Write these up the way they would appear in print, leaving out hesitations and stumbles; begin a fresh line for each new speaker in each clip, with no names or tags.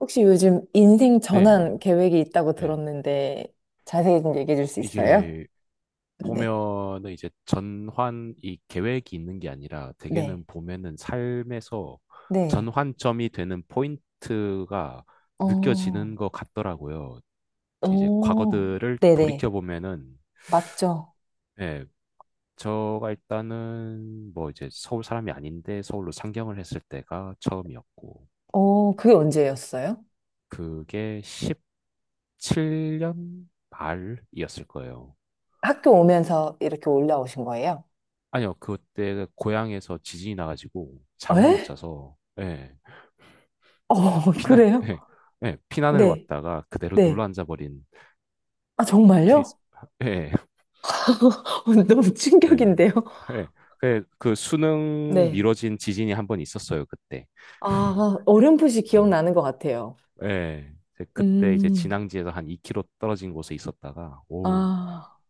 혹시 요즘 인생
네,
전환 계획이 있다고
네.
들었는데 자세히 좀 얘기해 줄 수 있어요?
이게
네.
보면은 이제 전환 이 계획이 있는 게 아니라
네,
대개는 보면은 삶에서
네.
전환점이 되는 포인트가
어,
느껴지는 것 같더라고요. 이제
어,
과거들을
네네.
돌이켜 보면은
맞죠?
예, 저가 일단은 뭐 이제 서울 사람이 아닌데 서울로 상경을 했을 때가 처음이었고
어, 그게 언제였어요?
그게 17년 말이었을 거예요.
학교 오면서 이렇게 올라오신 거예요?
아니요, 그때 고향에서 지진이 나가지고 잠을 못
에?
자서, 예,
어,
피난,
그래요?
예, 예, 피난을
네,
왔다가 그대로 눌러
네.
앉아버린
아,
케이스.
정말요?
예,
너무
예,
충격인데요?
예. 그 수능
네.
미뤄진 지진이 한 번 있었어요, 그때.
아, 어렴풋이
음.
기억나는 것 같아요.
예, 이제 그때 이제
음,
진앙지에서 한 2km 떨어진 곳에 있었다가, 오,
아,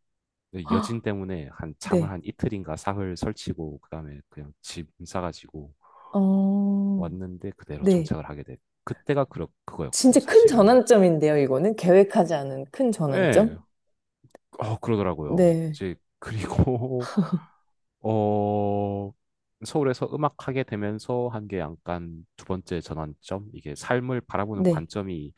여진
헉,
때문에 한 잠을
네.
한 이틀인가 사흘 설치고, 그다음에 그냥 짐 싸가지고
어,
왔는데 그대로
네.
정착을 하게 됐. 그때가 그 그거였고,
진짜 큰
사실은.
전환점인데요, 이거는. 계획하지 않은 큰 전환점?
예, 어, 그러더라고요.
네.
이제, 그리고, 어, 서울에서 음악하게 되면서 한게 약간 두 번째 전환점? 이게 삶을 바라보는
네.
관점이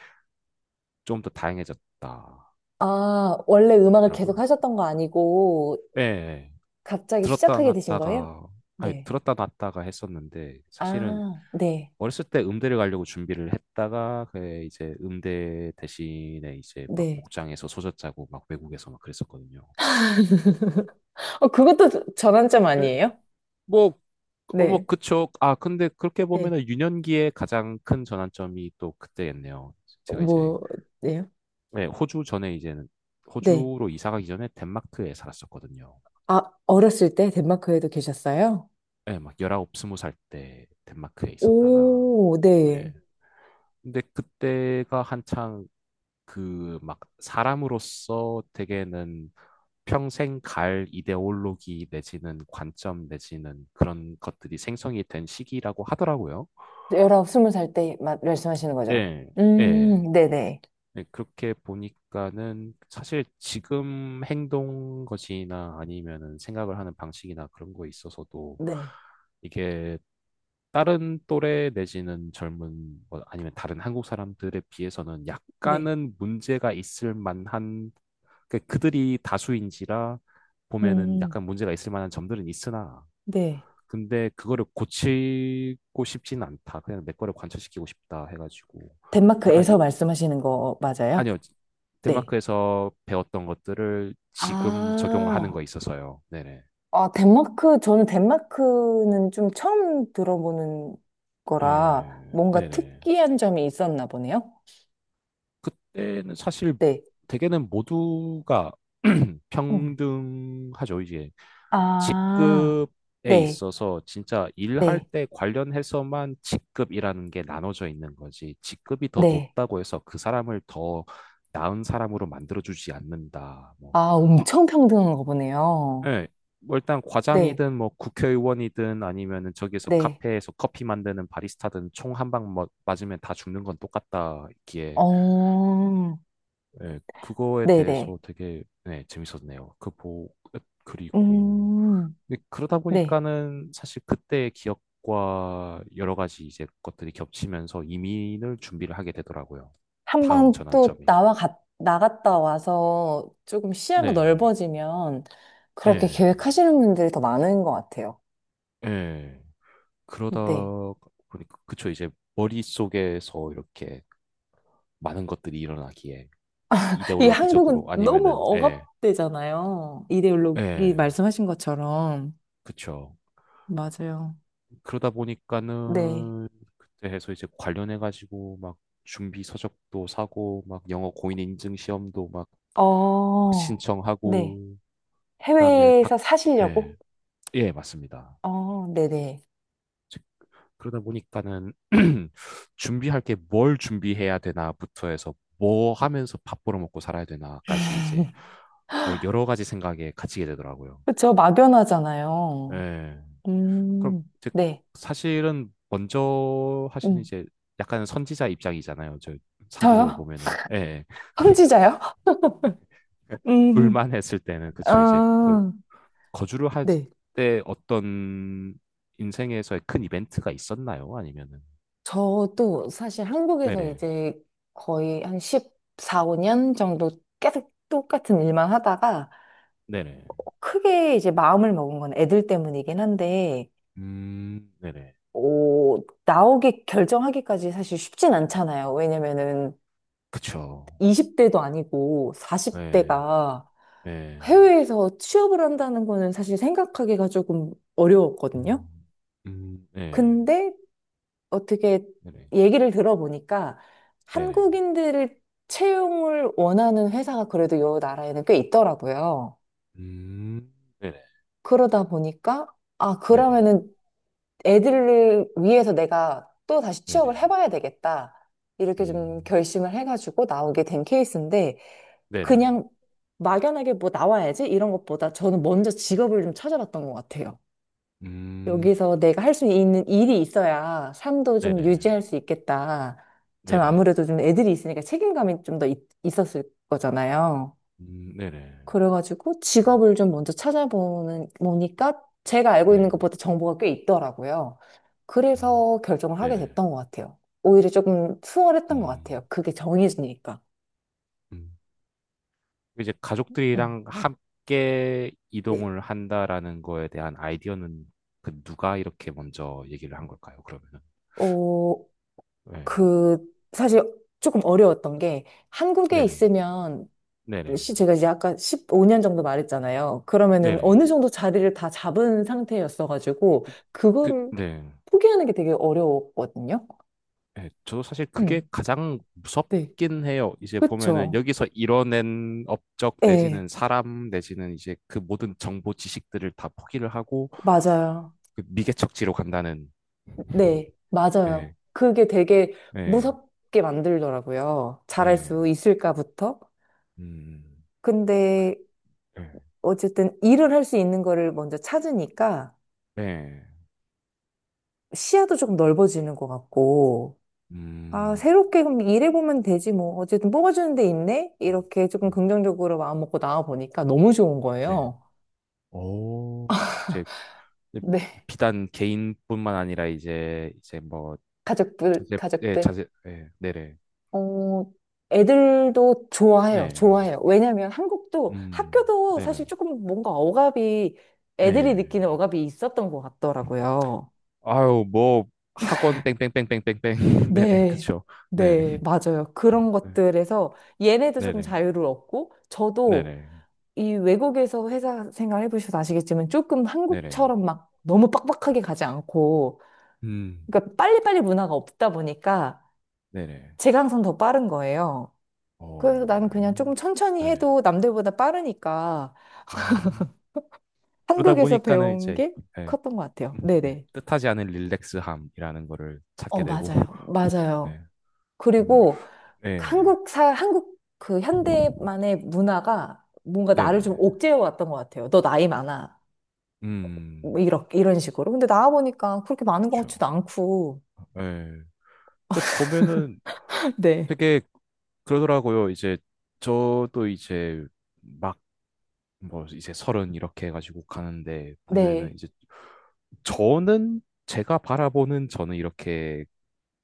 좀 더 다양해졌다. 더
아, 원래 음악을
라고
계속
요
하셨던 거 아니고
예, 예.
갑자기
들었다
시작하게 되신 거예요?
놨다가, 아니,
네.
들었다 놨다가 했었는데, 사실은
아, 네.
어렸을 때 음대를 가려고 준비를 했다가, 그 이제 음대 대신에 이제 막
네.
복장에서 소젖 짜고 막 외국에서 막 그랬었거든요.
어, 그것도 전환점
예,
아니에요?
뭐, 어, 뭐,
네.
그쵸. 아, 근데 그렇게
네.
보면은 유년기에 가장 큰 전환점이 또 그때였네요. 제가 이제,
뭐, 예요?
네, 호주 전에 이제는,
네.
호주로 이사 가기 전에 덴마크에 살았었거든요.
아, 어렸을 때 덴마크에도 계셨어요?
네, 막 19, 20살 때 덴마크에 있었다가,
오, 네.
네. 근데 그때가 한창 그 막 사람으로서 되게는 평생 갈 이데올로기 내지는 관점 내지는 그런 것들이 생성이 된 시기라고 하더라고요.
19, 20살 때 말씀하시는 거죠?
예, 예.
네네.
네, 그렇게 보니까는 사실 지금 행동 것이나 아니면은 생각을 하는 방식이나 그런 거에 있어서도
네.
이게 다른 또래 내지는 젊은 뭐 아니면 다른 한국 사람들에 비해서는
네.
약간은 문제가 있을 만한 그 그들이 다수인지라 보면은
음.
약간 문제가 있을 만한 점들은 있으나
네.
근데 그거를 고치고 싶진 않다. 그냥 내 거를 관철시키고 싶다 해가지고 약간
덴마크에서
이,
말씀하시는 거 맞아요?
아니요.
네.
덴마크에서 배웠던 것들을 지금 적용을 하는
아,
거에 있어서요. 네네.
아, 덴마크, 저는 덴마크는 좀 처음 들어보는 거라
예,
뭔가
네네.
특이한 점이 있었나 보네요.
그때는 사실
네.
대개는 모두가
음.
평등하죠. 이제
아,
직급에
네,
있어서 진짜 일할
네,
때 관련해서만 직급이라는 게 나눠져 있는 거지. 직급이 더
네.
높다고 해서 그 사람을 더 나은 사람으로 만들어주지 않는다. 뭐.
아, 엄청 평등한 거 보네요.
예. 뭐 일단
네,
과장이든 뭐 국회의원이든 아니면은 저기에서
네.
카페에서 커피 만드는 바리스타든 총 한방 뭐 맞으면 다 죽는 건 똑같다 있기에
어,
예, 그거에
네네.
대해서 되게 예, 재밌었네요. 그 보, 그리고
음,
근데 그러다
네.
보니까는 사실 그때의 기억과 여러 가지 이제 것들이 겹치면서 이민을 준비를 하게 되더라고요.
한
다음
번 또
전환점이.
나와 갔, 나갔다 와서 조금 시야가
네.
넓어지면 그렇게
예.
계획하시는 분들이 더 많은 것 같아요.
예. 그러다
네.
보니까 그쵸 이제 머릿속에서 이렇게 많은 것들이 일어나기에
이
이데올로기적으로
한국은 너무
아니면은 예,
억압되잖아요. 이데올로기
예,
말씀하신 것처럼.
그쵸.
맞아요.
그러다
네.
보니까는 그때 해서 이제 관련해 가지고 막 준비 서적도 사고 막 영어 고인 인증 시험도 막, 막
어, 네.
신청하고 그다음에 박
해외에서
예,
사시려고?
예, 맞습니다.
어, 네네.
즉, 그러다 보니까는 준비할 게 뭘 준비해야 되나부터 해서 뭐 하면서 밥 벌어먹고 살아야 되나까지 이제 어, 여러 가지 생각에 갇히게 되더라고요.
그쵸, 막연하잖아요.
예. 그럼 이제
네.
사실은 먼저 하시는
음.
이제 약간 선지자 입장이잖아요. 저 상대적으로
저요?
보면은. 예. 예.
황지자요?
그러니까
음,
둘만 했을 때는 그쵸. 이제 그
아,
거주를 할
네.
때 어떤 인생에서의 큰 이벤트가 있었나요? 아니면은
저도 사실 한국에서
네네.
이제 거의 한 14, 5년 정도 계속 똑같은 일만 하다가
네네.
크게 이제 마음을 먹은 건 애들 때문이긴 한데,
네네.
오, 나오기, 결정하기까지 사실 쉽진 않잖아요. 왜냐면은
그쵸.
20대도 아니고
네.
40대가
네.
해외에서 취업을 한다는 거는 사실 생각하기가 조금 어려웠거든요.
음. 네.
근데 어떻게
네네.
얘기를 들어보니까
네네.
한국인들을 채용을 원하는 회사가 그래도 요 나라에는 꽤 있더라고요.
음, 네네.
그러다 보니까, 아,
네네.
그러면은 애들을 위해서 내가 또 다시 취업을
네네.
해봐야 되겠다. 이렇게 좀
음,
결심을 해가지고 나오게 된 케이스인데,
네네.
그냥 막연하게 뭐 나와야지 이런 것보다 저는 먼저 직업을 좀 찾아봤던 것 같아요.
음.
여기서 내가 할 수 있는 일이 있어야 삶도 좀
네네.
유지할 수 있겠다. 저는
네네.
아무래도 좀 애들이 있으니까 책임감이 좀 더 있었을 거잖아요.
네네.
그래가지고
그
직업을 좀 먼저 찾아보는, 보니까 제가 알고 있는
네.
것보다 정보가 꽤 있더라고요.
음,
그래서 결정을 하게
네네.
됐던 것 같아요. 오히려 조금 수월했던 것
음,
같아요. 그게 정해지니까.
음. 이제
음.
가족들이랑 함께
네.
이동을 한다라는 거에 대한 아이디어는 그 누가 이렇게 먼저 얘기를 한 걸까요, 그러면은?
어,
네.
그, 사실 조금 어려웠던 게 한국에
네네.
있으면
네네.
시 제가 이제 아까 15년 정도 말했잖아요. 그러면은
네네.
어느 정도 자리를 다 잡은 상태였어가지고
그, 그,
그거를
네.
포기하는 게 되게 어려웠거든요.
네. 저도 사실 그게
음,
가장
네,
무섭긴 해요. 이제 보면은
그쵸.
여기서 이뤄낸 업적
네,
내지는 사람 내지는 이제 그 모든 정보 지식들을 다 포기를 하고
맞아요.
그 미개척지로 간다는
네, 맞아요.
네,
그게 되게
네,
무섭게 만들더라고요. 잘할
네,
수 있을까부터.
음,
근데
네,
어쨌든 일을 할 수 있는 거를 먼저 찾으니까
네,
시야도 조금 넓어지는 것 같고. 아,
음,
새롭게 그럼 일해보면 되지 뭐. 어쨌든 뽑아주는 데 있네?
음,
이렇게 조금
음.
긍정적으로 마음먹고 나와보니까 너무 좋은
네,
거예요.
오, 이제
네,
비단 개인뿐만 아니라 이제 이제 뭐
가족들,
자제, 네,
가족들.
자제, 네, 네네,
어, 애들도 좋아해요.
네,
좋아해요. 왜냐면 한국도 학교도 사실
네네,
조금 뭔가 억압이, 애들이
네,
느끼는 억압이 있었던 것 같더라고요.
아유 뭐 학원 뺑뺑뺑뺑뺑뺑, 네네,
네,
그쵸,
네,
네네,
맞아요. 그런
네,
것들에서 얘네도 조금
네네,
자유를 얻고, 저도
네네,
이 외국에서 회사 생활 해보셔서 아시겠지만 조금
네네,
한국처럼 막 너무 빡빡하게 가지 않고,
음,
그러니까 빨리빨리 문화가 없다 보니까
네네,
제가 항상 더 빠른 거예요. 그래서 나는 그냥
어.
조금 천천히
네.
해도 남들보다 빠르니까
음. 그러다
한국에서
보니까는
배운
이제
게
예,
컸던 것 같아요.
예,
네네.
뜻하지 않은 릴렉스함이라는 거를 찾게
어,
되고
맞아요. 맞아요.
네, 음,
그리고
네,
한국 사, 한국 그 현대만의 문화가 뭔가 나를 좀
네네,
옥죄어 왔던 것 같아요. 너 나이 많아. 뭐
음,
이렇게, 이런 식으로. 근데 나와보니까 그렇게 많은 것
그렇죠.
같지도 않고.
예. 근데 보면은
네,
되게 그러더라고요. 이제 저도 이제 막 뭐 이제 서른 이렇게 해가지고 가는데 보면은
네,
이제 저는 제가 바라보는 저는 이렇게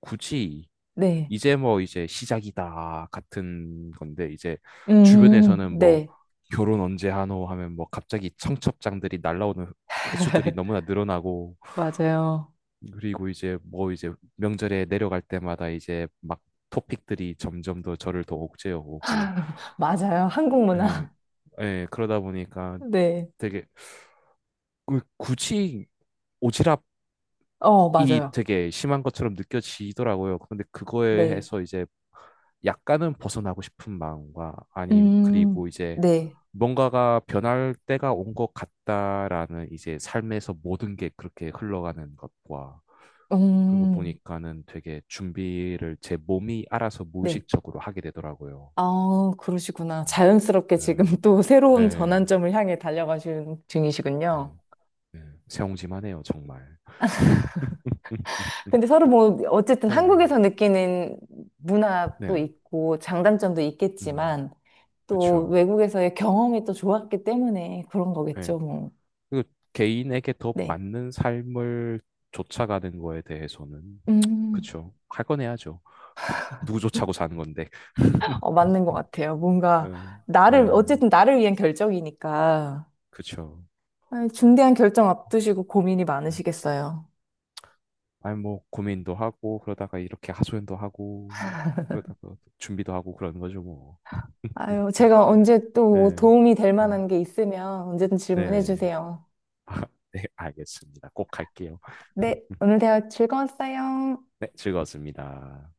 굳이
네.
이제 뭐 이제 시작이다 같은 건데 이제 주변에서는 뭐
네.
결혼 언제 하노 하면 뭐 갑자기 청첩장들이 날라오는 횟수들이 너무나 늘어나고
맞아요.
그리고 이제 뭐 이제 명절에 내려갈 때마다 이제 막 토픽들이 점점 더 저를 더 옥죄어 오고
맞아요. 한국
예,
문화.
예, 그러다 보니까
네,
되게 굳이 오지랖
어,
이
맞아요.
되게 심한 것처럼 느껴지더라고요. 근데 그거에
네.
해서 이제 약간은 벗어나고 싶은 마음과 아니
음,
그리고 이제
네.
뭔가가 변할 때가 온 것 같다라는 이제 삶에서 모든 게 그렇게 흘러가는 것과 그거
음,
보니까는 되게 준비를 제 몸이 알아서
네.
무의식적으로 하게 되더라고요.
아, 그러시구나. 자연스럽게 지금
음,
또
예,
새로운
예,
전환점을 향해 달려가시는 중이시군요.
예, 예. 새옹지만 해요, 정말.
근데 서로 뭐, 어쨌든
네,
한국에서 느끼는 문화도
네네.
있고, 장단점도
음,
있겠지만, 또
그쵸.
외국에서의 경험이 또 좋았기 때문에 그런
예.
거겠죠, 뭐.
그 개인에게 더
네.
맞는 삶을 쫓아가는 거에 대해서는
음.
그쵸. 할 건 해야죠. 누구 쫓아고 사는 건데.
어, 맞는 것 같아요. 뭔가,
네, 네,
나를, 어쨌든 나를 위한 결정이니까.
그쵸.
아 중대한 결정 앞두시고 고민이
네.
많으시겠어요.
아니 뭐 고민도 하고 그러다가 이렇게 하소연도 하고 그러다가 준비도 하고 그러는 거죠 뭐.
아유, 제가 언제 또뭐
네,
도움이 될
네,
만한 게 있으면 언제든
네.
질문해
네,
주세요.
네, 알겠습니다. 꼭 할게요.
네, 오늘 대화 즐거웠어요.
네, 즐거웠습니다.